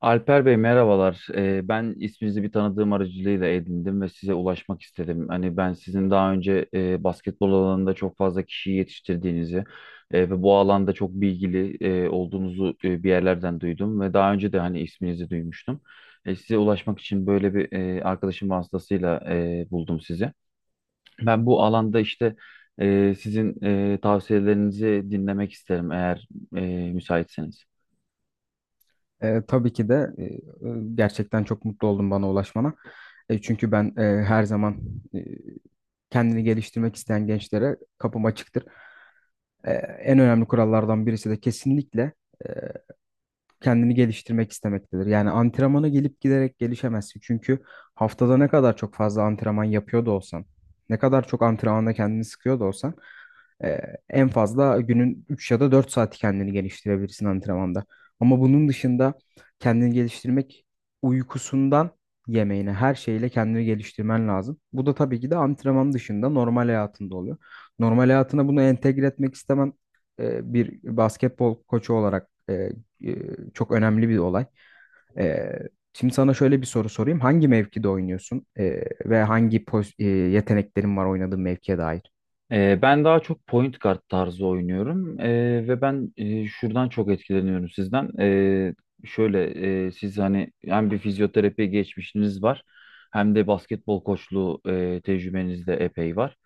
Alper Bey, merhabalar. Ben isminizi bir tanıdığım aracılığıyla edindim ve size ulaşmak istedim. Hani ben sizin daha önce basketbol alanında çok fazla kişiyi yetiştirdiğinizi ve bu alanda çok bilgili olduğunuzu bir yerlerden duydum ve daha önce de hani isminizi duymuştum. Size ulaşmak için böyle bir arkadaşım vasıtasıyla buldum sizi. Ben bu alanda işte sizin tavsiyelerinizi dinlemek isterim, eğer e, müsaitseniz. Tabii ki de gerçekten çok mutlu oldum bana ulaşmana. Çünkü ben her zaman e, kendini geliştirmek isteyen gençlere kapım açıktır. En önemli kurallardan birisi de kesinlikle kendini geliştirmek istemektedir. Yani antrenmana gelip giderek gelişemezsin. Çünkü haftada ne kadar çok fazla antrenman yapıyor da olsan, ne kadar çok antrenmanda kendini sıkıyor da olsan, e, en fazla günün 3 ya da 4 saati kendini geliştirebilirsin antrenmanda. Ama bunun dışında kendini geliştirmek uykusundan yemeğine her şeyle kendini geliştirmen lazım. Bu da tabii ki de antrenman dışında normal hayatında oluyor. Normal hayatına bunu entegre etmek istemem bir basketbol koçu olarak e, çok önemli bir olay. E, Şimdi sana şöyle bir soru sorayım. Hangi mevkide oynuyorsun, ve hangi yeteneklerin var oynadığın mevkiye dair? Ben daha çok point guard tarzı oynuyorum. Ve ben şuradan çok etkileniyorum sizden. Şöyle, siz hani hem bir fizyoterapi geçmişiniz var, hem de basketbol koçluğu tecrübeniz de epey var.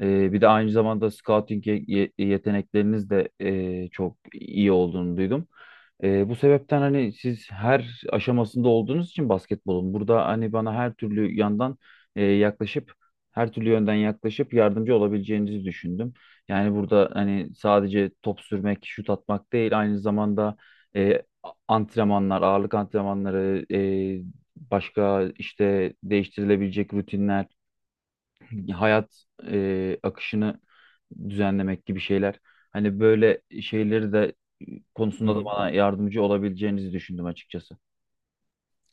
Bir de aynı zamanda scouting yetenekleriniz de çok iyi olduğunu duydum. Bu sebepten hani siz her aşamasında olduğunuz için basketbolun, burada hani bana her türlü yandan yaklaşıp her türlü yönden yaklaşıp yardımcı olabileceğinizi düşündüm. Yani burada hani sadece top sürmek, şut atmak değil, aynı zamanda e, antrenmanlar, ağırlık antrenmanları, başka işte değiştirilebilecek rutinler, hayat akışını düzenlemek gibi şeyler. Hani böyle şeyleri de Hı konusunda da hı. bana yardımcı olabileceğinizi düşündüm açıkçası.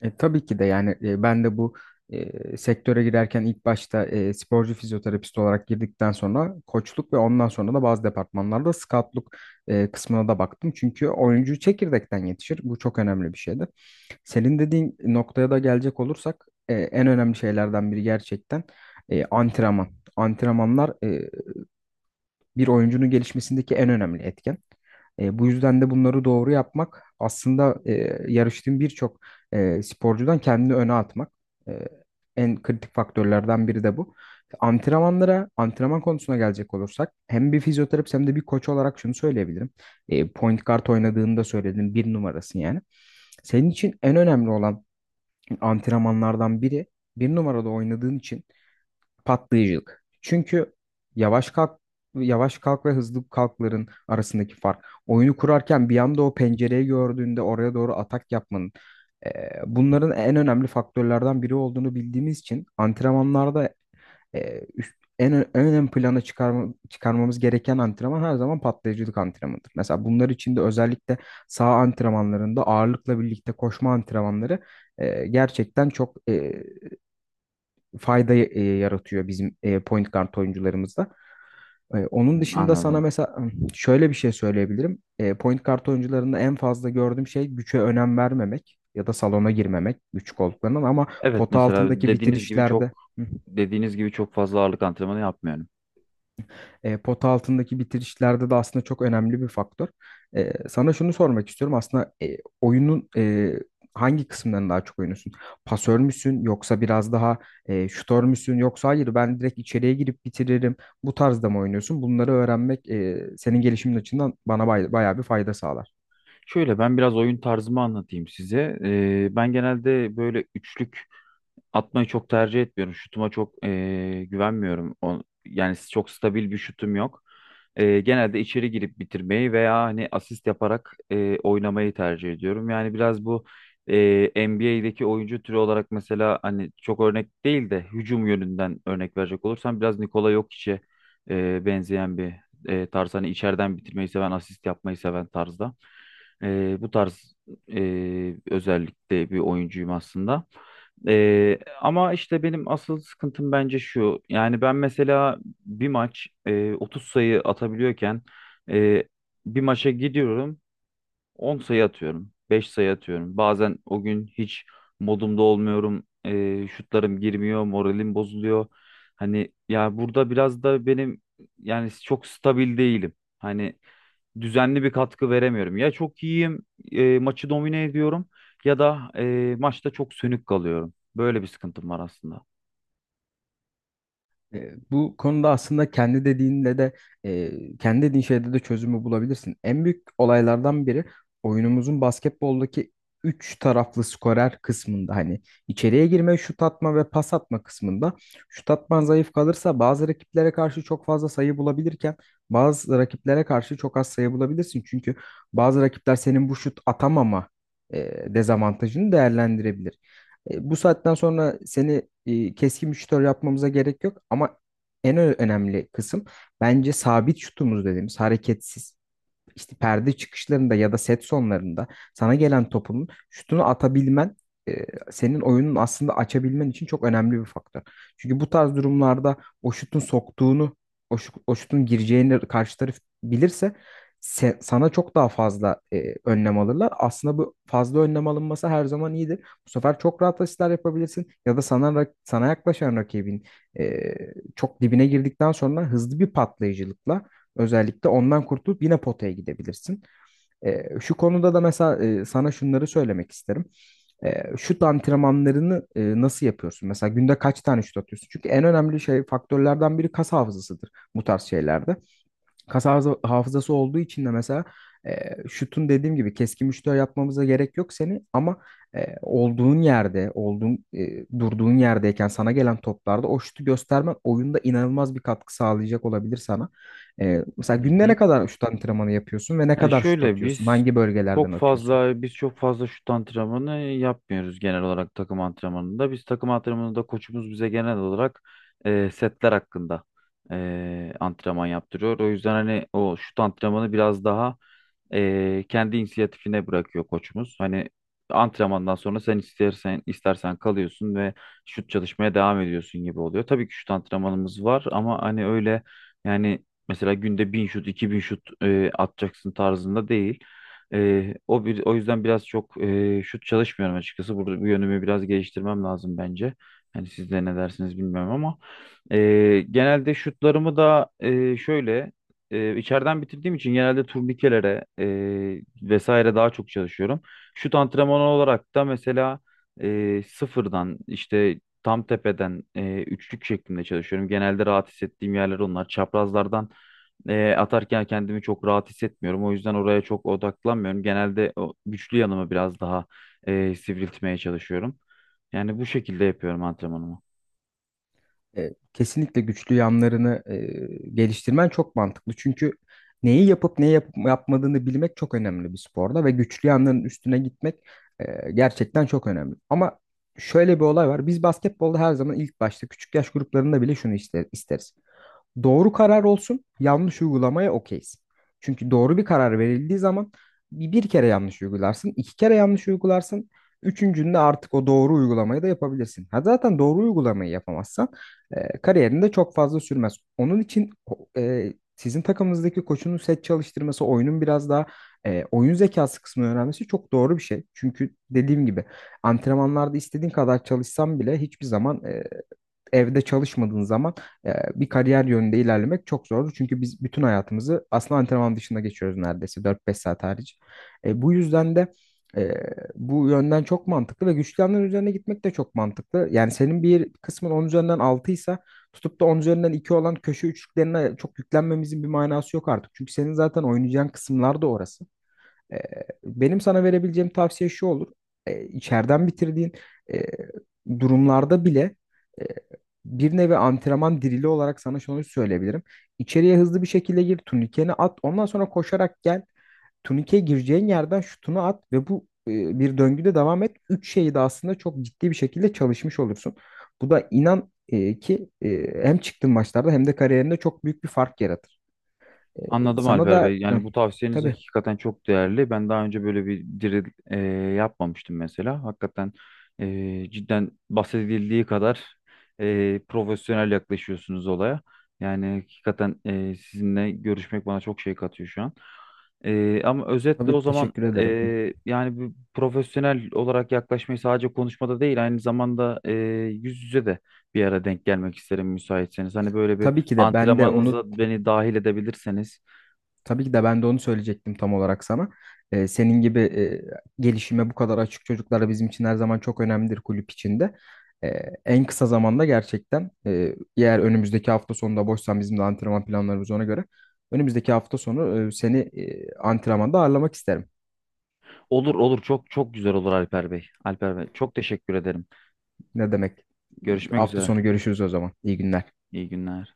Tabii ki de yani ben de bu sektöre girerken ilk başta sporcu fizyoterapist olarak girdikten sonra koçluk ve ondan sonra da bazı departmanlarda scoutluk kısmına da baktım. Çünkü oyuncu çekirdekten yetişir. Bu çok önemli bir şeydir. Senin dediğin noktaya da gelecek olursak en önemli şeylerden biri gerçekten antrenman. Antrenmanlar bir oyuncunun gelişmesindeki en önemli etken. Bu yüzden de bunları doğru yapmak aslında yarıştığın birçok sporcudan kendini öne atmak. E, En kritik faktörlerden biri de bu. Antrenmanlara, antrenman konusuna gelecek olursak hem bir fizyoterapist hem de bir koç olarak şunu söyleyebilirim. Point guard oynadığında söyledim, bir numarasın yani. Senin için en önemli olan antrenmanlardan biri bir numarada oynadığın için patlayıcılık. Çünkü yavaş kalk yavaş kalk ve hızlı kalkların arasındaki fark. Oyunu kurarken bir anda o pencereyi gördüğünde oraya doğru atak yapmanın e, bunların en önemli faktörlerden biri olduğunu bildiğimiz için antrenmanlarda en ön plana çıkarmamız gereken antrenman her zaman patlayıcılık antrenmanıdır. Mesela bunlar için de özellikle sağ antrenmanlarında ağırlıkla birlikte koşma antrenmanları gerçekten çok yaratıyor bizim point guard oyuncularımızda. Onun Hmm, dışında sana anladım. mesela şöyle bir şey söyleyebilirim. Point guard oyuncularında en fazla gördüğüm şey güçe önem vermemek ya da salona girmemek güç olduklarından ama Evet, pota mesela altındaki dediğiniz gibi çok bitirişlerde. Hı. dediğiniz gibi çok fazla ağırlık antrenmanı yapmıyorum. Pota altındaki bitirişlerde de aslında çok önemli bir faktör. Sana şunu sormak istiyorum. Aslında oyunun hangi kısımlarını daha çok oynuyorsun? Pasör müsün yoksa biraz daha şutör müsün yoksa hayır ben direkt içeriye girip bitiririm. Bu tarzda mı oynuyorsun? Bunları öğrenmek senin gelişimin açısından bana bayağı bir fayda sağlar. Şöyle, ben biraz oyun tarzımı anlatayım size. Ben genelde böyle üçlük atmayı çok tercih etmiyorum. Şutuma çok güvenmiyorum. Yani çok stabil bir şutum yok. Genelde içeri girip bitirmeyi veya hani asist yaparak oynamayı tercih ediyorum. Yani biraz bu NBA'deki oyuncu türü olarak, mesela hani çok örnek değil de hücum yönünden örnek verecek olursam, biraz Nikola Jokic'e benzeyen bir tarz. Hani içeriden bitirmeyi seven, asist yapmayı seven tarzda. Bu tarz özellikle bir oyuncuyum aslında. Ama işte benim asıl sıkıntım bence şu. Yani ben mesela bir maç 30 sayı atabiliyorken, e, bir maça gidiyorum, 10 sayı atıyorum. 5 sayı atıyorum. Bazen o gün hiç modumda olmuyorum. Şutlarım girmiyor. Moralim bozuluyor. Hani ya, burada biraz da benim, yani çok stabil değilim. Hani düzenli bir katkı veremiyorum. Ya çok iyiyim, maçı domine ediyorum, ya da maçta çok sönük kalıyorum. Böyle bir sıkıntım var aslında. Bu konuda aslında kendi dediğin şeyde de çözümü bulabilirsin. En büyük olaylardan biri oyunumuzun basketboldaki üç taraflı skorer kısmında hani içeriye girme, şut atma ve pas atma kısmında şut atman zayıf kalırsa bazı rakiplere karşı çok fazla sayı bulabilirken bazı rakiplere karşı çok az sayı bulabilirsin. Çünkü bazı rakipler senin bu şut atamama dezavantajını değerlendirebilir. Bu saatten sonra seni keskin bir şutör yapmamıza gerek yok ama önemli kısım bence sabit şutumuz dediğimiz hareketsiz işte perde çıkışlarında ya da set sonlarında sana gelen topunun şutunu atabilmen e, senin oyunun aslında açabilmen için çok önemli bir faktör. Çünkü bu tarz durumlarda o şutun soktuğunu, o, şu- o şutun gireceğini karşı taraf bilirse sana çok daha fazla önlem alırlar. Aslında bu fazla önlem alınması her zaman iyidir. Bu sefer çok rahat asistler yapabilirsin ya da sana yaklaşan rakibin e, çok dibine girdikten sonra hızlı bir patlayıcılıkla özellikle ondan kurtulup yine potaya gidebilirsin. Şu konuda da mesela sana şunları söylemek isterim. Şut antrenmanlarını nasıl yapıyorsun? Mesela günde kaç tane şut atıyorsun? Çünkü en önemli şey faktörlerden biri kas hafızasıdır bu tarz şeylerde hafızası olduğu için de mesela şutun dediğim gibi keskin bir yapmamıza gerek yok seni ama olduğun yerde, olduğun e, durduğun yerdeyken sana gelen toplarda o şutu göstermen oyunda inanılmaz bir katkı sağlayacak olabilir sana. Mesela Hı günde hı. ne kadar şut antrenmanı yapıyorsun ve ne Ya kadar şut şöyle, atıyorsun? biz Hangi bölgelerden çok atıyorsun? fazla şut antrenmanı yapmıyoruz genel olarak takım antrenmanında. Biz takım antrenmanında, koçumuz bize genel olarak setler hakkında antrenman yaptırıyor. O yüzden hani o şut antrenmanı biraz daha kendi inisiyatifine bırakıyor koçumuz. Hani antrenmandan sonra sen istersen kalıyorsun ve şut çalışmaya devam ediyorsun gibi oluyor. Tabii ki şut antrenmanımız var ama hani öyle, yani mesela günde 1000 şut, 2000 şut atacaksın tarzında değil. O yüzden biraz çok şut çalışmıyorum açıkçası. Burada bu yönümü biraz geliştirmem lazım bence. Hani siz de ne dersiniz bilmiyorum, ama e, genelde şutlarımı da şöyle, içeriden bitirdiğim için genelde turnikelere vesaire daha çok çalışıyorum. Şut antrenmanı olarak da mesela sıfırdan, işte tam tepeden, üçlük şeklinde çalışıyorum. Genelde rahat hissettiğim yerler onlar. Çaprazlardan atarken kendimi çok rahat hissetmiyorum. O yüzden oraya çok odaklanmıyorum. Genelde o güçlü yanımı biraz daha sivriltmeye çalışıyorum. Yani bu şekilde yapıyorum antrenmanımı. Kesinlikle güçlü yanlarını geliştirmen çok mantıklı. Çünkü neyi yapıp yapmadığını bilmek çok önemli bir sporda ve güçlü yanların üstüne gitmek gerçekten çok önemli. Ama şöyle bir olay var. Biz basketbolda her zaman ilk başta küçük yaş gruplarında bile isteriz doğru karar olsun, yanlış uygulamaya okeyiz. Çünkü doğru bir karar verildiği zaman bir kere yanlış uygularsın, iki kere yanlış uygularsın, üçüncünde artık o doğru uygulamayı da yapabilirsin. Ha zaten doğru uygulamayı yapamazsan kariyerinde çok fazla sürmez. Onun için sizin takımınızdaki koçunun set çalıştırması, oyunun biraz daha oyun zekası kısmını öğrenmesi çok doğru bir şey. Çünkü dediğim gibi antrenmanlarda istediğin kadar çalışsan bile hiçbir zaman evde çalışmadığın zaman bir kariyer yönünde ilerlemek çok zor. Çünkü biz bütün hayatımızı aslında antrenman dışında geçiyoruz neredeyse dört beş saat hariç. Bu yüzden de e, bu yönden çok mantıklı ve güçlü yanların üzerine gitmek de çok mantıklı. Yani senin bir kısmın 10 üzerinden 6 ise tutup da 10 üzerinden 2 olan köşe üçlüklerine çok yüklenmemizin bir manası yok artık. Çünkü senin zaten oynayacağın kısımlar da orası. Ee, Benim sana verebileceğim tavsiye şu olur. İçeriden bitirdiğin e, durumlarda bile e, bir nevi antrenman dirili olarak sana şunu söyleyebilirim. İçeriye hızlı bir şekilde gir, turnikeni at, ondan sonra koşarak gel. Turnikeye gireceğin yerden şutunu at ve bu bir döngüde devam et. Üç şeyi de aslında çok ciddi bir şekilde çalışmış olursun. Bu da inan ki hem çıktığın maçlarda hem de kariyerinde çok büyük bir fark yaratır. E, Anladım sana Alper da Bey. Hı, Yani bu tavsiyeniz tabii hakikaten çok değerli. Ben daha önce böyle bir diril yapmamıştım mesela. Hakikaten cidden bahsedildiği kadar profesyonel yaklaşıyorsunuz olaya. Yani hakikaten sizinle görüşmek bana çok şey katıyor şu an. Ama özetle o Tabii, zaman, teşekkür ederim. yani bir profesyonel olarak yaklaşmayı sadece konuşmada değil, aynı zamanda yüz yüze de bir ara denk gelmek isterim müsaitseniz. Hani böyle bir Tabii ki de ben de onu antrenmanınıza beni dahil edebilirseniz. tabii ki de ben de onu söyleyecektim tam olarak sana. Senin gibi gelişime bu kadar açık çocuklar bizim için her zaman çok önemlidir kulüp içinde. En kısa zamanda gerçekten eğer önümüzdeki hafta sonunda boşsan bizim de antrenman planlarımız ona göre önümüzdeki hafta sonu seni antrenmanda ağırlamak isterim. Olur olur, çok çok güzel olur Alper Bey. Alper Bey, çok teşekkür ederim. Ne demek? Görüşmek Hafta üzere. sonu görüşürüz o zaman. İyi günler. İyi günler.